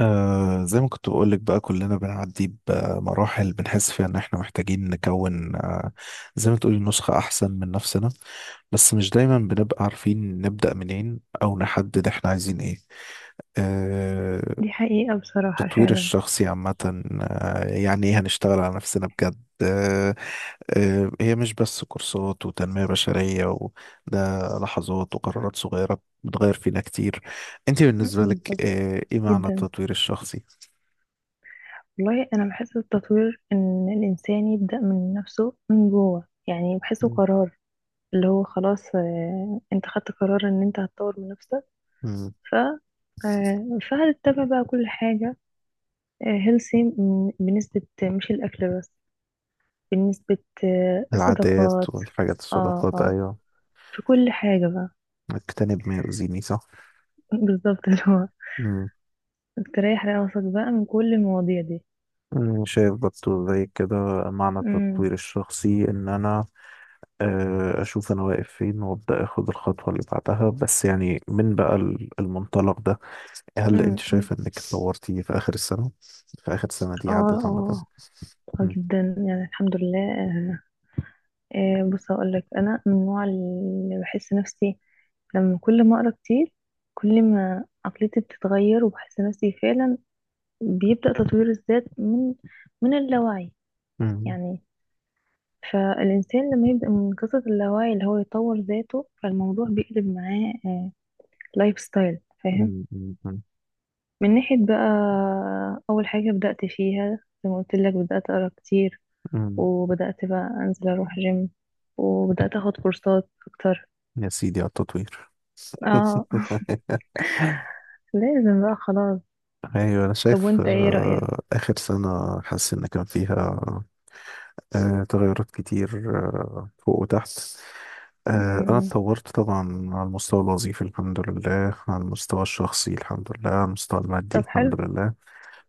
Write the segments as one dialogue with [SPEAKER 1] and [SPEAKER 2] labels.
[SPEAKER 1] زي ما كنت بقولك بقى، كلنا بنعدي بمراحل بنحس فيها ان احنا محتاجين نكون زي ما تقولي نسخة احسن من نفسنا. بس مش دايما بنبقى عارفين نبدأ منين او نحدد احنا عايزين ايه. آه
[SPEAKER 2] دي حقيقة بصراحة
[SPEAKER 1] التطوير
[SPEAKER 2] فعلا.
[SPEAKER 1] الشخصي عامة، يعني ايه هنشتغل على نفسنا بجد. هي مش بس كورسات وتنمية بشرية، وده لحظات وقرارات صغيرة بتغير فينا كتير. انت بالنسبة لك،
[SPEAKER 2] بالظبط
[SPEAKER 1] ايه معنى
[SPEAKER 2] جدا.
[SPEAKER 1] التطوير الشخصي؟
[SPEAKER 2] والله أنا بحس التطوير إن الإنسان يبدأ من نفسه من جوه، يعني بحسه
[SPEAKER 1] مم.
[SPEAKER 2] قرار اللي هو خلاص، أنت خدت قرار إن أنت هتطور من نفسك.
[SPEAKER 1] مم.
[SPEAKER 2] ف آه، فهتتبع بقى كل حاجة هيلثي، بنسبة مش الأكل بس، بنسبة
[SPEAKER 1] العادات
[SPEAKER 2] الصداقات.
[SPEAKER 1] والحاجات،
[SPEAKER 2] اه،
[SPEAKER 1] الصداقات،
[SPEAKER 2] اه،
[SPEAKER 1] أيوة.
[SPEAKER 2] في كل حاجة بقى.
[SPEAKER 1] اجتنب ما يؤذيني، صح.
[SPEAKER 2] بالظبط، اللي هو
[SPEAKER 1] مم.
[SPEAKER 2] تريح راسك بقى من كل المواضيع دي.
[SPEAKER 1] مم. شايف برضه زي كده، معنى التطوير الشخصي إن أنا أشوف أنا واقف فين وأبدأ أخد الخطوة اللي بعدها، بس يعني من بقى المنطلق ده. هل أنت
[SPEAKER 2] امم.
[SPEAKER 1] شايف إنك اتطورتي في آخر السنة؟ في آخر السنة دي
[SPEAKER 2] اه،
[SPEAKER 1] عدت عامة.
[SPEAKER 2] اه، آه
[SPEAKER 1] مم.
[SPEAKER 2] جدا يعني، الحمد لله. آه بص اقول لك، انا من النوع اللي بحس نفسي لما كل ما اقرا كتير، كل ما عقليتي بتتغير، وبحس نفسي فعلا بيبدأ تطوير الذات من اللاوعي
[SPEAKER 1] مم.
[SPEAKER 2] يعني. فالإنسان لما يبدأ من قصة اللاوعي اللي هو يطور ذاته، فالموضوع بيقلب معاه لايف ستايل، فاهم؟
[SPEAKER 1] مم. مم.
[SPEAKER 2] من ناحية بقى، أول حاجة بدأت فيها زي ما قلت لك، بدأت أقرأ كتير،
[SPEAKER 1] مم.
[SPEAKER 2] وبدأت بقى أنزل أروح جيم، وبدأت أخد كورسات أكتر.
[SPEAKER 1] يا سيدي على التطوير.
[SPEAKER 2] اه لازم بقى خلاص.
[SPEAKER 1] ايوه، انا
[SPEAKER 2] طب
[SPEAKER 1] شايف
[SPEAKER 2] وانت ايه رأيك؟
[SPEAKER 1] اخر سنه حاسس ان كان فيها تغيرات كتير، فوق وتحت. انا
[SPEAKER 2] مم.
[SPEAKER 1] اتطورت طبعا على المستوى الوظيفي، الحمد لله، على المستوى الشخصي، الحمد لله، على المستوى المادي،
[SPEAKER 2] طب، حلو.
[SPEAKER 1] الحمد لله.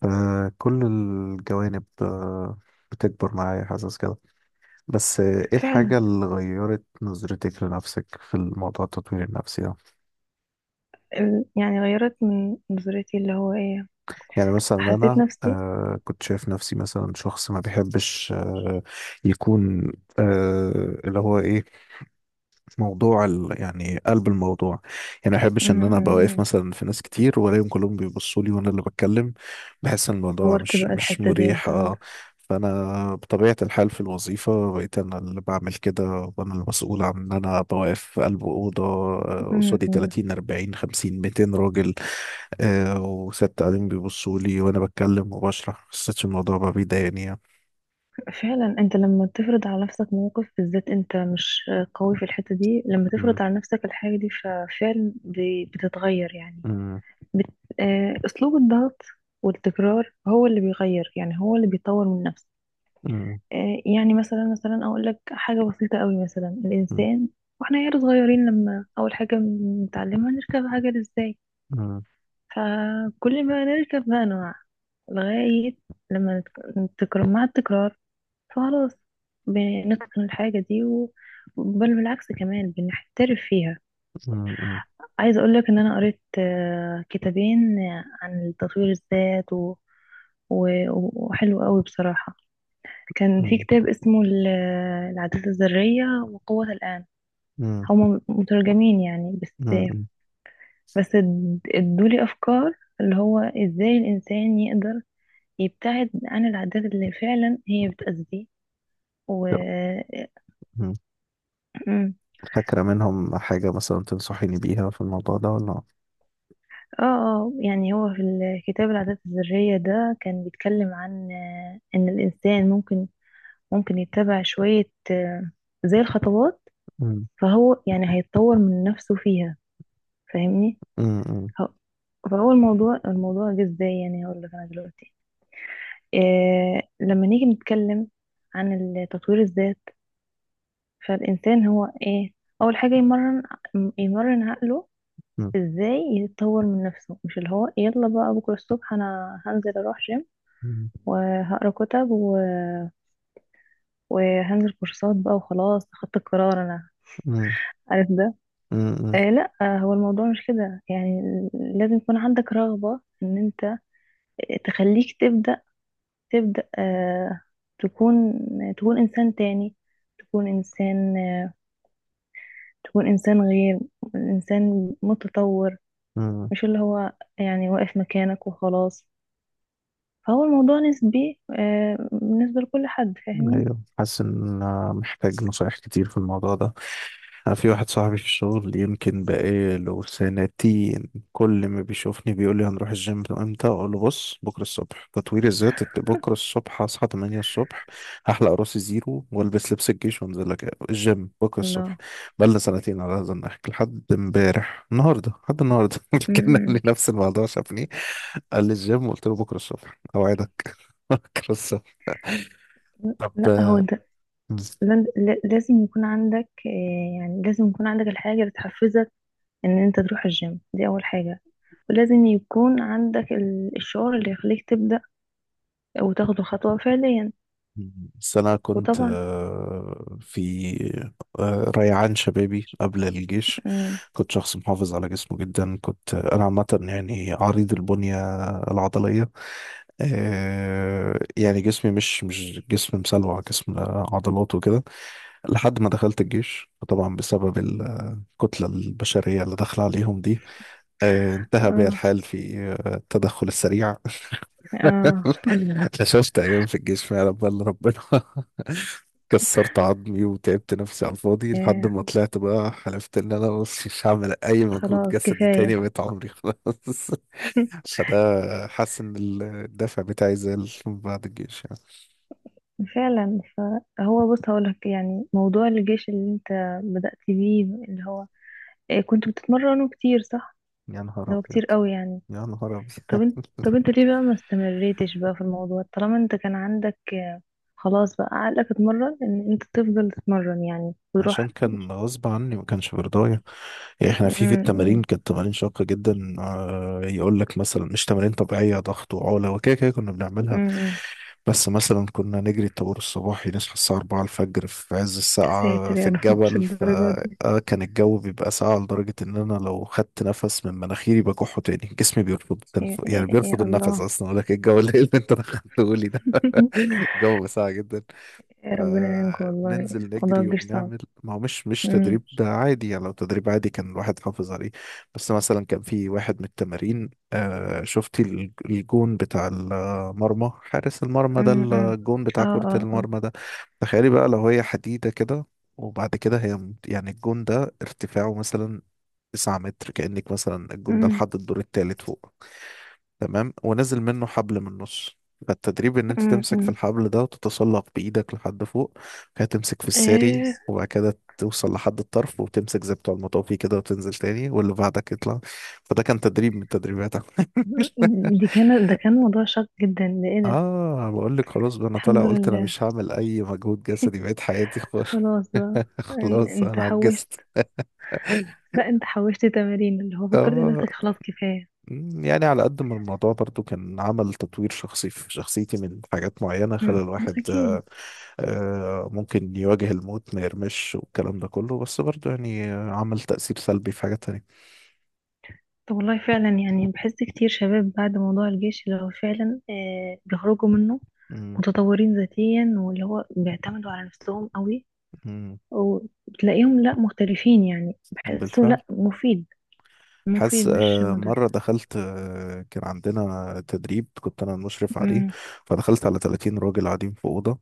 [SPEAKER 1] فكل الجوانب بتكبر معايا، حاسس كده. بس ايه
[SPEAKER 2] فعلا
[SPEAKER 1] الحاجه اللي غيرت نظرتك لنفسك في الموضوع التطوير النفسي ده؟
[SPEAKER 2] يعني غيرت من نظرتي اللي هو ايه.
[SPEAKER 1] يعني مثلا
[SPEAKER 2] حسيت
[SPEAKER 1] انا
[SPEAKER 2] نفسي
[SPEAKER 1] كنت شايف نفسي مثلا شخص ما بيحبش يكون، اللي هو ايه، موضوع يعني قلب الموضوع. يعني ما بحبش ان انا ابقى واقف
[SPEAKER 2] امم
[SPEAKER 1] مثلا في ناس كتير والاقيهم كلهم بيبصوا لي وانا اللي بتكلم. بحس ان الموضوع
[SPEAKER 2] طورت
[SPEAKER 1] مش
[SPEAKER 2] بقى
[SPEAKER 1] مش
[SPEAKER 2] الحتة دي
[SPEAKER 1] مريح،
[SPEAKER 2] انت
[SPEAKER 1] اه.
[SPEAKER 2] عندك.
[SPEAKER 1] فانا بطبيعه الحال في الوظيفه بقيت انا اللي بعمل كده، وانا المسؤول عن ان انا بوقف في قلب اوضه. قصادي
[SPEAKER 2] امم.
[SPEAKER 1] 30 40 50 200 راجل، وست قاعدين بيبصوا لي وانا بتكلم وبشرح، ما حسيتش الموضوع بقى بيضايقني يعني.
[SPEAKER 2] فعلا، انت لما تفرض على نفسك موقف بالذات انت مش قوي في الحتة دي، لما
[SPEAKER 1] مم،
[SPEAKER 2] تفرض على نفسك الحاجة دي ففعلا بتتغير يعني.
[SPEAKER 1] مم،
[SPEAKER 2] بت... أسلوب الضغط والتكرار هو اللي بيغير، يعني هو اللي بيطور من نفسه.
[SPEAKER 1] مم،
[SPEAKER 2] يعني مثلا، أقول لك حاجة بسيطة قوي. مثلا
[SPEAKER 1] مم،
[SPEAKER 2] الإنسان وإحنا عيال صغيرين، لما أول حاجة بنتعلمها نركب عجل إزاي،
[SPEAKER 1] مم،
[SPEAKER 2] فكل ما نركب بقى نوع لغاية لما نتكرر، مع التكرار فخلاص بنتقن الحاجة دي و... بل بالعكس كمان بنحترف فيها.
[SPEAKER 1] مم،
[SPEAKER 2] عايزة أقولك إن أنا قريت كتابين عن تطوير الذات و... و... وحلو قوي بصراحة. كان في
[SPEAKER 1] مم،
[SPEAKER 2] كتاب اسمه العادات الذرية وقوة الآن.
[SPEAKER 1] مم،
[SPEAKER 2] هما مترجمين يعني، بس
[SPEAKER 1] مم، مم.
[SPEAKER 2] بس ادولي أفكار اللي هو إزاي الإنسان يقدر يبتعد عن العادات اللي فعلا هي بتأذيه. و...
[SPEAKER 1] طب، مم. فاكرة منهم حاجة مثلا تنصحيني بيها في الموضوع ده ولا؟
[SPEAKER 2] اه، اه، يعني هو في الكتاب العادات الذرية ده كان بيتكلم عن إن الإنسان ممكن، يتبع شوية زي الخطوات،
[SPEAKER 1] مم،
[SPEAKER 2] فهو يعني هيتطور من نفسه فيها، فاهمني؟
[SPEAKER 1] مم، مم،
[SPEAKER 2] هو- فهو الموضوع، جه ازاي؟ يعني هقول لك انا دلوقتي إيه. لما نيجي نتكلم عن تطوير الذات، فالإنسان هو ايه؟ أول حاجة يمرن، عقله
[SPEAKER 1] مم،
[SPEAKER 2] ازاي يتطور من نفسه. مش اللي هو يلا بقى بكرة الصبح انا هنزل اروح جيم،
[SPEAKER 1] مم،
[SPEAKER 2] وهقرا كتب و... وهنزل كورسات بقى، وخلاص خدت القرار، انا
[SPEAKER 1] مم،
[SPEAKER 2] عارف ده.
[SPEAKER 1] مم،
[SPEAKER 2] آه لا، هو الموضوع مش كده يعني. لازم يكون عندك رغبة ان انت تخليك تبدأ، تبدأ آه تكون تكون انسان تاني، تكون انسان، تكون انسان غير، انسان متطور.
[SPEAKER 1] مم.
[SPEAKER 2] مش اللي هو يعني واقف مكانك وخلاص. فهو الموضوع نسبي بالنسبة لكل حد، فاهمني؟
[SPEAKER 1] ايوه، حاسس ان أنا محتاج نصايح كتير في الموضوع ده. أنا في واحد صاحبي في الشغل يمكن بقاله سنتين، كل ما بيشوفني بيقول لي هنروح الجيم امتى، اقول له بص بكره الصبح تطوير الذات، بكره الصبح هصحى 8 الصبح، هحلق راسي زيرو والبس لبس الجيش وانزل لك الجيم بكره الصبح.
[SPEAKER 2] الله.
[SPEAKER 1] بقالنا سنتين على هذا النحو لحد امبارح النهارده، لحد النهارده،
[SPEAKER 2] م-
[SPEAKER 1] كان قال لي
[SPEAKER 2] م.
[SPEAKER 1] نفس الموضوع، شافني قال لي الجيم، قلت له بكره الصبح اوعدك. بكره الصبح.
[SPEAKER 2] لا هو
[SPEAKER 1] طب.
[SPEAKER 2] انت، لازم يكون عندك، يعني لازم يكون عندك الحاجة اللي تحفزك ان انت تروح الجيم، دي اول حاجة. ولازم يكون عندك الشعور اللي يخليك تبدأ وتاخد الخطوة فعليا.
[SPEAKER 1] بس أنا كنت
[SPEAKER 2] وطبعا.
[SPEAKER 1] في ريعان شبابي قبل الجيش،
[SPEAKER 2] مم.
[SPEAKER 1] كنت شخص محافظ على جسمه جدا، كنت أنا عامة يعني عريض البنية العضلية. يعني جسمي مش جسم مسلوع، جسم عضلات وكده. لحد ما دخلت الجيش طبعا، بسبب الكتلة البشرية اللي داخلة عليهم دي انتهى بي
[SPEAKER 2] اه،
[SPEAKER 1] الحال في التدخل السريع.
[SPEAKER 2] اه،
[SPEAKER 1] لا شفت أيام في الجيش فعلا، بل ربنا. كسرت عظمي وتعبت نفسي على الفاضي،
[SPEAKER 2] آه،
[SPEAKER 1] لحد ما طلعت بقى حلفت ان انا بص مش هعمل اي مجهود
[SPEAKER 2] خلاص
[SPEAKER 1] جسدي تاني،
[SPEAKER 2] كفاية.
[SPEAKER 1] بقيت عمري خلاص. فده، حاسس ان الدافع بتاعي زال بعد الجيش يعني.
[SPEAKER 2] فعلا. فهو بص هقولك، يعني موضوع الجيش اللي انت بدأت بيه اللي هو كنت بتتمرنه كتير، صح؟
[SPEAKER 1] يا نهار
[SPEAKER 2] اللي هو
[SPEAKER 1] ابيض،
[SPEAKER 2] كتير قوي يعني.
[SPEAKER 1] يا نهار ابيض.
[SPEAKER 2] طب انت ليه بقى ما استمريتش بقى في الموضوع؟ طالما انت كان عندك خلاص بقى عقلك اتمرن ان انت تفضل تتمرن يعني
[SPEAKER 1] عشان
[SPEAKER 2] وتروح.
[SPEAKER 1] كان غصب عني، ما كانش برضايا. يعني احنا في التمارين كانت تمارين شاقه جدا، يقول لك مثلا مش تمارين طبيعيه، ضغط وعوله وكده كده كنا بنعملها.
[SPEAKER 2] أمم.
[SPEAKER 1] بس مثلا كنا نجري الطابور الصباحي، نصحى الساعة 4 الفجر في عز
[SPEAKER 2] يا
[SPEAKER 1] الساعة
[SPEAKER 2] ساتر
[SPEAKER 1] في
[SPEAKER 2] يا رب، مش
[SPEAKER 1] الجبل،
[SPEAKER 2] الدرجة دي.
[SPEAKER 1] فكان الجو بيبقى ساقع لدرجة إن أنا لو خدت نفس من مناخيري بكحه تاني، جسمي بيرفض يعني
[SPEAKER 2] يا
[SPEAKER 1] بيرفض النفس
[SPEAKER 2] الله.
[SPEAKER 1] أصلا. أقول لك إيه الجو الليل اللي أنت دخلته لي ده؟ الجو ساقع جدا.
[SPEAKER 2] يا ربنا يعينكم والله.
[SPEAKER 1] فبننزل
[SPEAKER 2] موضوع
[SPEAKER 1] نجري
[SPEAKER 2] الجيش صعب.
[SPEAKER 1] وبنعمل. ما هو مش
[SPEAKER 2] أمم.
[SPEAKER 1] تدريب عادي يعني، لو تدريب عادي كان الواحد حافظ عليه. بس مثلا كان في واحد من التمارين، شفتي الجون بتاع المرمى، حارس المرمى ده،
[SPEAKER 2] أمم.
[SPEAKER 1] الجون بتاع
[SPEAKER 2] اه،
[SPEAKER 1] كرة
[SPEAKER 2] اه، اه.
[SPEAKER 1] المرمى ده. تخيلي بقى، لو هي حديدة كده، وبعد كده هي يعني الجون ده ارتفاعه مثلا 9 متر، كأنك مثلا الجون ده
[SPEAKER 2] أمم.
[SPEAKER 1] لحد الدور التالت فوق. تمام، ونزل منه حبل من النص. فالتدريب ان انت تمسك في
[SPEAKER 2] أمم.
[SPEAKER 1] الحبل ده وتتسلق بايدك لحد فوق، وبعد كده تمسك في الساري،
[SPEAKER 2] إيه.
[SPEAKER 1] وبعد كده توصل لحد الطرف وتمسك زي بتوع المطافي كده وتنزل تاني، واللي بعدك يطلع. فده كان تدريب من التدريبات.
[SPEAKER 2] دي كان ده كان موضوع شاق جدا ده، ايه ده؟
[SPEAKER 1] اه، بقول لك خلاص بقى انا طالع
[SPEAKER 2] الحمد
[SPEAKER 1] قلت انا
[SPEAKER 2] لله.
[SPEAKER 1] مش هعمل اي مجهود جسدي، بقيت حياتي خلاص.
[SPEAKER 2] خلاص بقى.
[SPEAKER 1] خلاص،
[SPEAKER 2] انت
[SPEAKER 1] انا
[SPEAKER 2] حوشت،
[SPEAKER 1] عجزت،
[SPEAKER 2] لا انت حوشت تمارين، اللي هو فكرت
[SPEAKER 1] اه.
[SPEAKER 2] نفسك خلاص كفاية.
[SPEAKER 1] مم، يعني على قد ما الموضوع برضو كان عمل تطوير شخصي في شخصيتي من حاجات معينة،
[SPEAKER 2] أمم.
[SPEAKER 1] خلى الواحد
[SPEAKER 2] اكيد.
[SPEAKER 1] ممكن يواجه الموت ما يرمش والكلام ده كله، بس برضه يعني عمل تأثير سلبي في حاجات تانية.
[SPEAKER 2] طب والله فعلا يعني بحس كتير شباب بعد موضوع الجيش اللي هو فعلا بيخرجوا منه
[SPEAKER 1] مم،
[SPEAKER 2] متطورين ذاتيا، واللي هو بيعتمدوا على نفسهم قوي،
[SPEAKER 1] مم،
[SPEAKER 2] وتلاقيهم لا مختلفين يعني، بحسه
[SPEAKER 1] بالفعل.
[SPEAKER 2] لا مفيد، مفيد
[SPEAKER 1] حاسس،
[SPEAKER 2] مش مضر.
[SPEAKER 1] مرة دخلت، كان عندنا تدريب كنت أنا المشرف عليه.
[SPEAKER 2] أمم.
[SPEAKER 1] فدخلت على 30 راجل قاعدين في أوضة،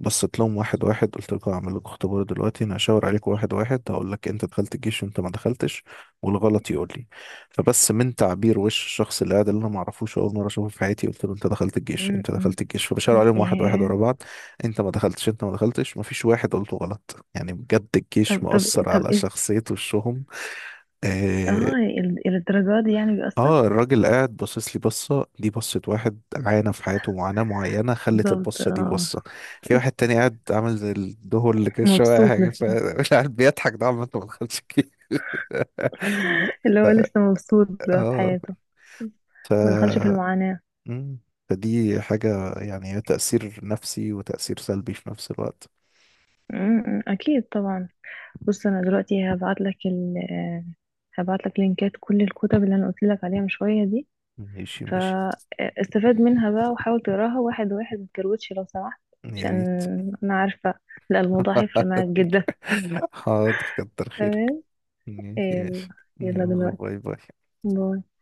[SPEAKER 1] بصيت لهم واحد واحد، قلت لكم هعمل لكم اختبار دلوقتي، انا هشاور عليكم واحد واحد، هقول لك انت دخلت الجيش وانت ما دخلتش، والغلط يقول لي. فبس من تعبير وش الشخص اللي قاعد، اللي انا ما اعرفوش اول مره اشوفه في حياتي، قلت له انت دخلت الجيش،
[SPEAKER 2] أمم.
[SPEAKER 1] انت
[SPEAKER 2] أمم.
[SPEAKER 1] دخلت الجيش، فبشاور عليهم واحد واحد
[SPEAKER 2] إيه.
[SPEAKER 1] ورا بعض. انت ما دخلتش، انت ما دخلتش. ما فيش واحد قلته غلط، يعني بجد الجيش
[SPEAKER 2] طب طب
[SPEAKER 1] مؤثر
[SPEAKER 2] طب
[SPEAKER 1] على
[SPEAKER 2] إيه.
[SPEAKER 1] شخصيه وشهم. آه،
[SPEAKER 2] اه الدرجات دي يعني بيأثر.
[SPEAKER 1] اه الراجل قاعد باصص لي بصة، دي بصة واحد عانى في حياته معاناة معينة خلت
[SPEAKER 2] بالظبط
[SPEAKER 1] البصة دي
[SPEAKER 2] اه.
[SPEAKER 1] بصة. في واحد تاني قاعد عامل زي الدهور، اللي كان شوية أي
[SPEAKER 2] مبسوط
[SPEAKER 1] حاجة،
[SPEAKER 2] لسه،
[SPEAKER 1] فمش عارف بيضحك ده عمال، ما دخلش كتير.
[SPEAKER 2] اللي
[SPEAKER 1] ف-
[SPEAKER 2] هو لسه مبسوط بقى في
[SPEAKER 1] اه.
[SPEAKER 2] حياته،
[SPEAKER 1] ف
[SPEAKER 2] ما دخلش في المعاناة.
[SPEAKER 1] مم. فدي حاجة يعني، هي تأثير نفسي وتأثير سلبي في نفس الوقت.
[SPEAKER 2] أمم، أكيد طبعا. بص انا دلوقتي هبعت لك ال آه، هبعت لك لينكات كل الكتب اللي انا قلت لك عليها من شويه دي،
[SPEAKER 1] ماشي، ماشي.
[SPEAKER 2] فاستفاد منها بقى وحاول تقراها واحد واحد، ما تكروتش لو سمحت.
[SPEAKER 1] يا
[SPEAKER 2] عشان
[SPEAKER 1] ريت.
[SPEAKER 2] انا عارفه، لا الموضوع هيفرق معاك جدا.
[SPEAKER 1] حاضر، كتر خيرك.
[SPEAKER 2] تمام.
[SPEAKER 1] ماشي
[SPEAKER 2] يلا.
[SPEAKER 1] ماشي.
[SPEAKER 2] يلا
[SPEAKER 1] يلا،
[SPEAKER 2] دلوقتي،
[SPEAKER 1] باي باي.
[SPEAKER 2] باي.